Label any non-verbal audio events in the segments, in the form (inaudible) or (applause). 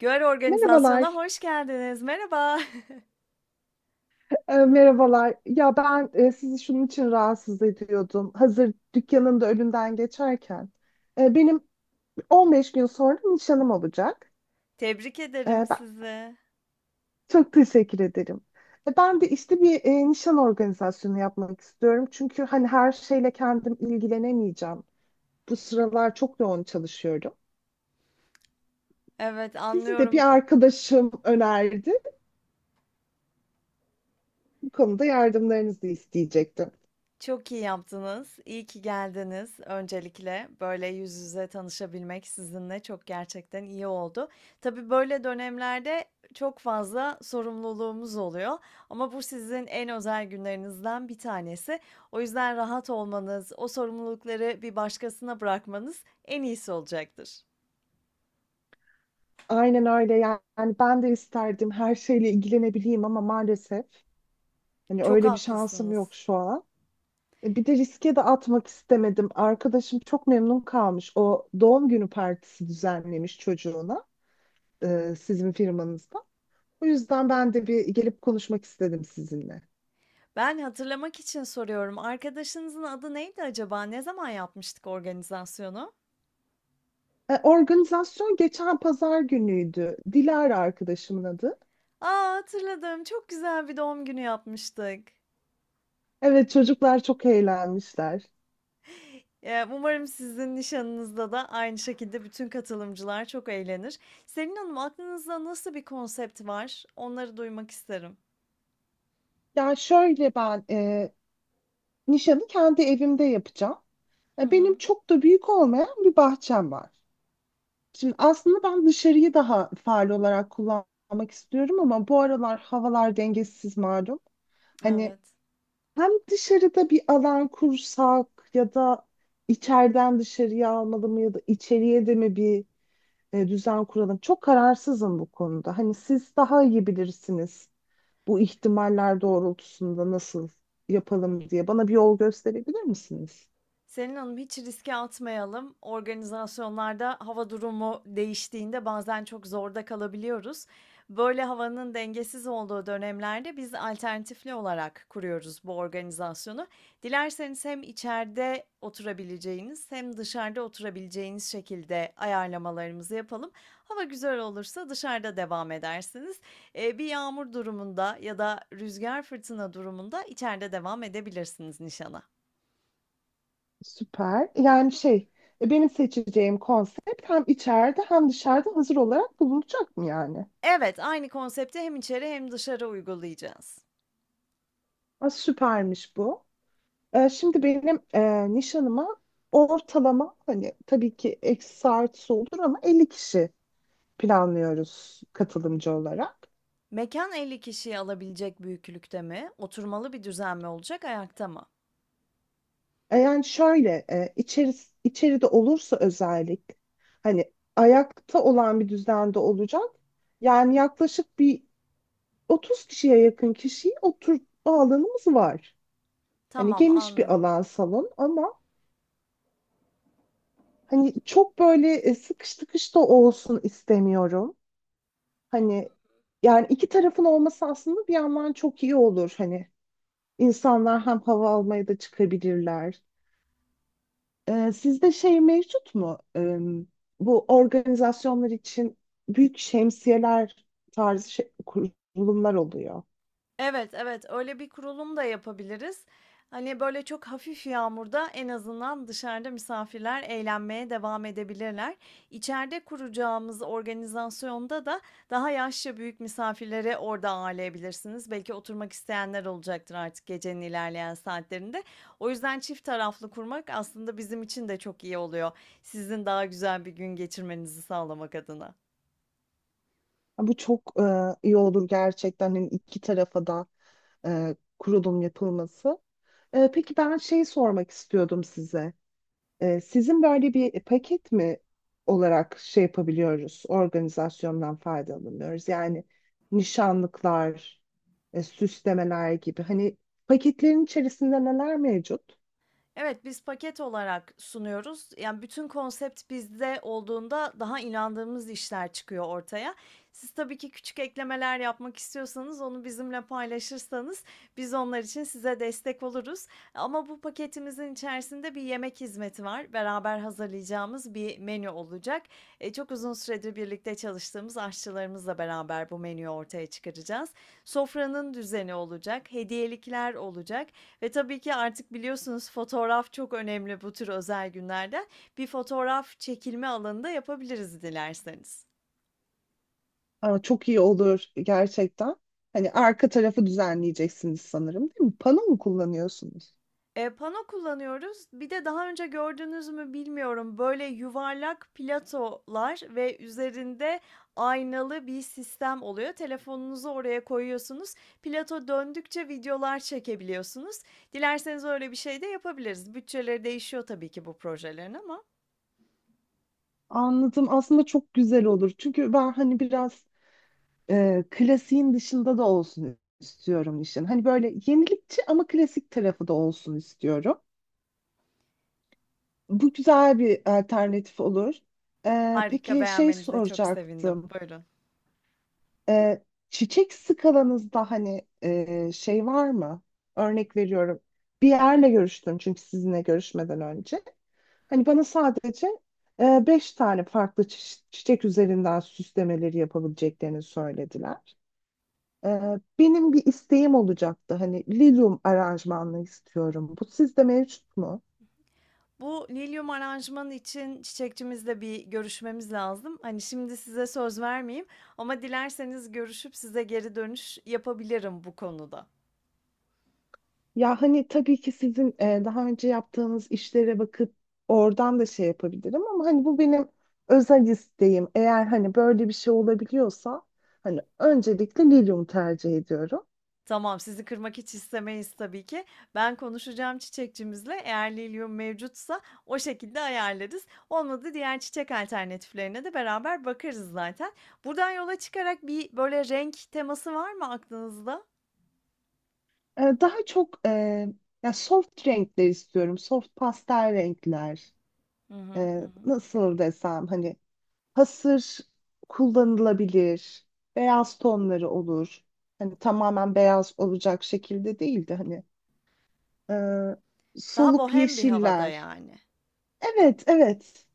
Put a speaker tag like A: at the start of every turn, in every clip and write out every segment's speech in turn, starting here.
A: Gör organizasyona
B: Merhabalar.
A: hoş geldiniz. Merhaba.
B: Merhabalar. Ya ben sizi şunun için rahatsız ediyordum. Hazır dükkanın da önünden geçerken. Benim 15 gün sonra nişanım olacak.
A: (laughs) Tebrik ederim
B: Ben
A: sizi.
B: çok teşekkür ederim. Ben de işte bir nişan organizasyonu yapmak istiyorum. Çünkü hani her şeyle kendim ilgilenemeyeceğim. Bu sıralar çok yoğun çalışıyorum.
A: Evet,
B: Sizi de
A: anlıyorum.
B: bir arkadaşım önerdi. Bu konuda yardımlarınızı isteyecektim.
A: Çok iyi yaptınız. İyi ki geldiniz öncelikle. Böyle yüz yüze tanışabilmek sizinle çok gerçekten iyi oldu. Tabii böyle dönemlerde çok fazla sorumluluğumuz oluyor ama bu sizin en özel günlerinizden bir tanesi. O yüzden rahat olmanız, o sorumlulukları bir başkasına bırakmanız en iyisi olacaktır.
B: Aynen öyle yani, ben de isterdim her şeyle ilgilenebileyim ama maalesef hani
A: Çok
B: öyle bir şansım yok
A: haklısınız.
B: şu an. Bir de riske de atmak istemedim. Arkadaşım çok memnun kalmış. O doğum günü partisi düzenlemiş çocuğuna sizin firmanızda. O yüzden ben de bir gelip konuşmak istedim sizinle.
A: Ben hatırlamak için soruyorum. Arkadaşınızın adı neydi acaba? Ne zaman yapmıştık organizasyonu?
B: Organizasyon geçen pazar günüydü. Dilara arkadaşımın adı.
A: A, hatırladım. Çok güzel bir doğum günü yapmıştık.
B: Evet, çocuklar çok eğlenmişler.
A: Umarım sizin nişanınızda da aynı şekilde bütün katılımcılar çok eğlenir. Selin Hanım, aklınızda nasıl bir konsept var? Onları duymak isterim.
B: Yani şöyle, ben nişanı kendi evimde yapacağım.
A: Hı
B: Benim
A: hı.
B: çok da büyük olmayan bir bahçem var. Şimdi aslında ben dışarıyı daha faal olarak kullanmak istiyorum ama bu aralar havalar dengesiz malum. Hani
A: Evet.
B: hem dışarıda bir alan kursak ya da içeriden dışarıya almalı mı ya da içeriye de mi bir düzen kuralım? Çok kararsızım bu konuda. Hani siz daha iyi bilirsiniz bu ihtimaller doğrultusunda nasıl yapalım diye. Bana bir yol gösterebilir misiniz?
A: Selin Hanım hiç riske atmayalım. Organizasyonlarda hava durumu değiştiğinde bazen çok zorda kalabiliyoruz. Böyle havanın dengesiz olduğu dönemlerde biz alternatifli olarak kuruyoruz bu organizasyonu. Dilerseniz hem içeride oturabileceğiniz hem dışarıda oturabileceğiniz şekilde ayarlamalarımızı yapalım. Hava güzel olursa dışarıda devam edersiniz. Bir yağmur durumunda ya da rüzgar fırtına durumunda içeride devam edebilirsiniz nişana.
B: Süper. Yani şey, benim seçeceğim konsept hem içeride hem dışarıda hazır olarak bulunacak mı yani?
A: Evet, aynı konsepti hem içeri hem dışarı uygulayacağız.
B: Aa, süpermiş bu. Şimdi benim nişanıma ortalama, hani tabii ki eksi artısı olur ama, 50 kişi planlıyoruz katılımcı olarak.
A: Mekan 50 kişiyi alabilecek büyüklükte mi? Oturmalı bir düzen mi olacak, ayakta mı?
B: Yani şöyle, içeride olursa özellik hani ayakta olan bir düzende olacak. Yani yaklaşık bir 30 kişiye yakın kişiyi oturtma alanımız var. Hani
A: Tamam,
B: geniş bir
A: anladım.
B: alan salon ama hani çok böyle sıkış tıkış da olsun istemiyorum. Hani yani iki tarafın olması aslında bir yandan çok iyi olur. Hani insanlar hem hava almaya da çıkabilirler. Sizde şey mevcut mu? Bu organizasyonlar için büyük şemsiyeler tarzı kurulumlar oluyor.
A: Evet, evet, öyle bir kurulum da yapabiliriz. Hani, böyle, çok hafif yağmurda en azından dışarıda misafirler eğlenmeye devam edebilirler. İçeride kuracağımız organizasyonda da daha yaşça büyük misafirleri orada ağırlayabilirsiniz. Belki oturmak isteyenler olacaktır artık gecenin ilerleyen saatlerinde. O yüzden çift taraflı kurmak aslında bizim için de çok iyi oluyor. Sizin daha güzel bir gün geçirmenizi sağlamak adına.
B: Ha, bu çok iyi olur gerçekten. Hani iki tarafa da kurulum yapılması. Peki, ben şeyi sormak istiyordum size. Sizin böyle bir paket mi olarak şey yapabiliyoruz, organizasyondan faydalanıyoruz? Yani nişanlıklar, süslemeler gibi. Hani paketlerin içerisinde neler mevcut?
A: Evet, biz paket olarak sunuyoruz. Yani, bütün konsept bizde olduğunda daha inandığımız işler çıkıyor ortaya. Siz tabii ki küçük eklemeler yapmak istiyorsanız onu bizimle paylaşırsanız biz onlar için size destek oluruz. Ama bu paketimizin içerisinde bir yemek hizmeti var. Beraber hazırlayacağımız bir menü olacak. Çok uzun süredir birlikte çalıştığımız aşçılarımızla beraber bu menüyü ortaya çıkaracağız. Sofranın düzeni olacak, hediyelikler olacak. Ve tabii ki artık biliyorsunuz fotoğraf çok önemli bu tür özel günlerde. Bir fotoğraf çekilme alanında yapabiliriz dilerseniz.
B: Aa, çok iyi olur gerçekten. Hani arka tarafı düzenleyeceksiniz sanırım, değil mi? Pano mu kullanıyorsunuz?
A: E pano kullanıyoruz. Bir de daha önce gördünüz mü bilmiyorum, böyle yuvarlak platolar ve üzerinde aynalı bir sistem oluyor. Telefonunuzu oraya koyuyorsunuz. Plato döndükçe videolar çekebiliyorsunuz. Dilerseniz öyle bir şey de yapabiliriz. Bütçeleri değişiyor tabii ki bu projelerin ama.
B: Anladım. Aslında çok güzel olur. Çünkü ben hani biraz klasiğin dışında da olsun istiyorum işin. Hani böyle yenilikçi ama klasik tarafı da olsun istiyorum. Bu güzel bir alternatif olur.
A: Harika,
B: Peki, şey
A: beğenmenize çok sevindim.
B: soracaktım.
A: Buyurun.
B: E, Çiçek skalanızda hani şey var mı? Örnek veriyorum. Bir yerle görüştüm çünkü sizinle görüşmeden önce. Hani bana sadece beş tane farklı çiçek üzerinden süslemeleri yapabileceklerini söylediler. Benim bir isteğim olacaktı. Hani lilyum aranjmanını istiyorum. Bu sizde mevcut mu?
A: Bu lilyum aranjmanı için çiçekçimizle bir görüşmemiz lazım. Hani şimdi size söz vermeyeyim ama dilerseniz görüşüp size geri dönüş yapabilirim bu konuda.
B: Ya hani tabii ki sizin daha önce yaptığınız işlere bakıp oradan da şey yapabilirim ama hani bu benim özel isteğim. Eğer hani böyle bir şey olabiliyorsa, hani öncelikle lilyum tercih ediyorum.
A: Tamam, sizi kırmak hiç istemeyiz tabii ki. Ben konuşacağım çiçekçimizle. Eğer lilyum mevcutsa o şekilde ayarlarız. Olmadı diğer çiçek alternatiflerine de beraber bakarız zaten. Buradan yola çıkarak bir böyle renk teması var mı aklınızda?
B: Daha çok ya soft renkler istiyorum. Soft pastel renkler.
A: Hı hı, hı hı.
B: Nasıl desem hani hasır kullanılabilir. Beyaz tonları olur. Hani tamamen beyaz olacak şekilde değil de hani
A: Daha
B: soluk
A: bohem bir havada
B: yeşiller.
A: yani.
B: Evet, evet.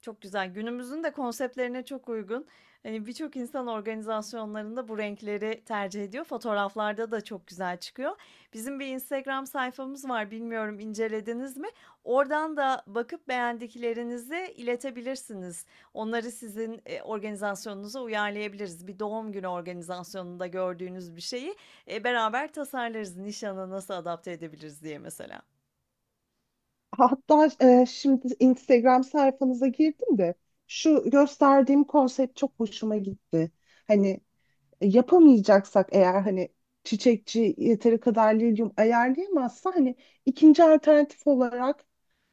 A: Çok güzel. Günümüzün de konseptlerine çok uygun. Hani, birçok insan organizasyonlarında bu renkleri tercih ediyor. Fotoğraflarda da çok güzel çıkıyor. Bizim bir Instagram sayfamız var. Bilmiyorum incelediniz mi? Oradan da bakıp beğendiklerinizi iletebilirsiniz. Onları sizin, organizasyonunuza uyarlayabiliriz. Bir doğum günü organizasyonunda gördüğünüz bir şeyi, beraber tasarlarız. Nişana nasıl adapte edebiliriz diye mesela.
B: Hatta şimdi Instagram sayfanıza girdim de şu gösterdiğim konsept çok hoşuma gitti. Hani, yapamayacaksak eğer, hani çiçekçi yeteri kadar lilyum ayarlayamazsa, hani ikinci alternatif olarak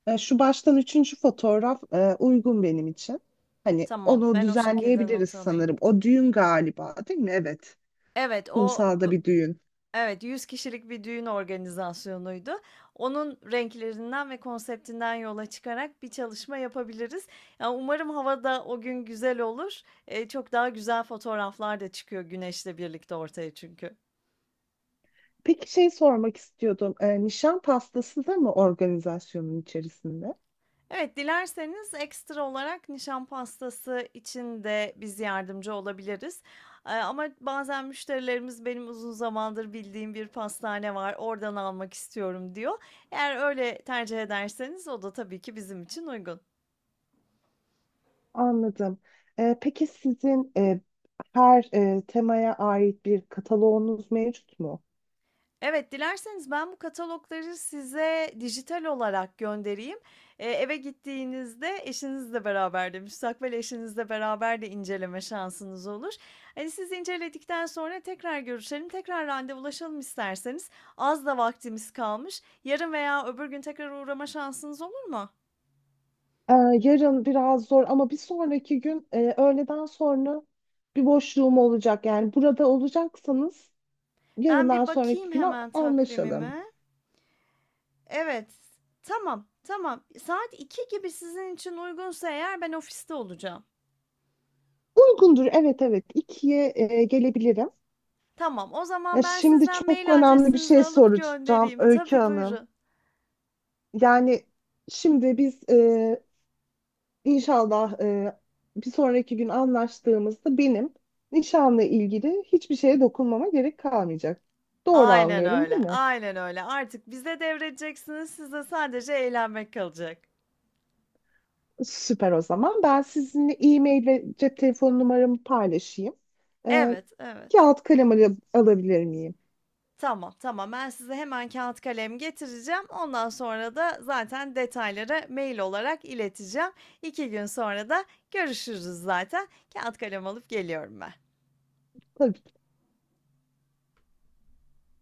B: şu baştan üçüncü fotoğraf uygun benim için. Hani
A: Tamam,
B: onu
A: ben o şekilde
B: düzenleyebiliriz
A: not alayım.
B: sanırım. O düğün galiba, değil mi? Evet.
A: Evet, o
B: Kumsalda bir düğün.
A: Evet, 100 kişilik bir düğün organizasyonuydu. Onun renklerinden ve konseptinden yola çıkarak bir çalışma yapabiliriz. Ya, umarım havada o gün güzel olur. Çok daha güzel fotoğraflar da çıkıyor güneşle birlikte ortaya çünkü.
B: Peki, şey sormak istiyordum. Nişan pastası da mı organizasyonun içerisinde?
A: Evet, dilerseniz ekstra olarak nişan pastası için de biz yardımcı olabiliriz. Ama bazen müşterilerimiz benim uzun zamandır bildiğim bir pastane var, oradan almak istiyorum diyor. Eğer öyle tercih ederseniz o da tabii ki bizim için uygun.
B: Anladım. Peki sizin her temaya ait bir kataloğunuz mevcut mu?
A: Evet, dilerseniz ben bu katalogları size dijital olarak göndereyim. Eve gittiğinizde eşinizle beraber de, müstakbel eşinizle beraber de inceleme şansınız olur. Hani, siz inceledikten sonra tekrar görüşelim, tekrar randevulaşalım isterseniz. Az da vaktimiz kalmış. Yarın veya öbür gün tekrar uğrama şansınız olur mu?
B: Ee, Yarın biraz zor ama bir sonraki gün öğleden sonra bir boşluğum olacak. Yani burada olacaksanız
A: Ben
B: yarından
A: bir
B: sonraki
A: bakayım
B: güne
A: hemen
B: anlaşalım.
A: takvimime. Evet, tamam, tamam. Saat 2 gibi sizin için uygunsa eğer ben ofiste olacağım.
B: Uygundur. Evet, evet. 2'ye gelebilirim.
A: Tamam, o zaman
B: Ya,
A: ben
B: şimdi
A: sizden
B: çok
A: mail
B: önemli bir
A: adresinizi
B: şey
A: alıp
B: soracağım
A: göndereyim.
B: Öykü
A: Tabii,
B: Hanım.
A: buyurun.
B: Yani şimdi biz inşallah bir sonraki gün anlaştığımızda benim nişanla ilgili hiçbir şeye dokunmama gerek kalmayacak. Doğru
A: Aynen
B: anlıyorum, değil
A: öyle,
B: mi?
A: aynen öyle. Artık bize devredeceksiniz, size sadece eğlenmek kalacak.
B: Süper o zaman. Ben sizinle e-mail ve cep telefonu numaramı paylaşayım. E,
A: Evet, evet.
B: Kağıt kalem alabilir miyim?
A: Tamam, tamam. Ben size hemen kâğıt kalem getireceğim. Ondan sonra da zaten detayları mail olarak ileteceğim. 2 gün sonra da görüşürüz zaten. Kâğıt kalem alıp geliyorum ben.
B: Tabii.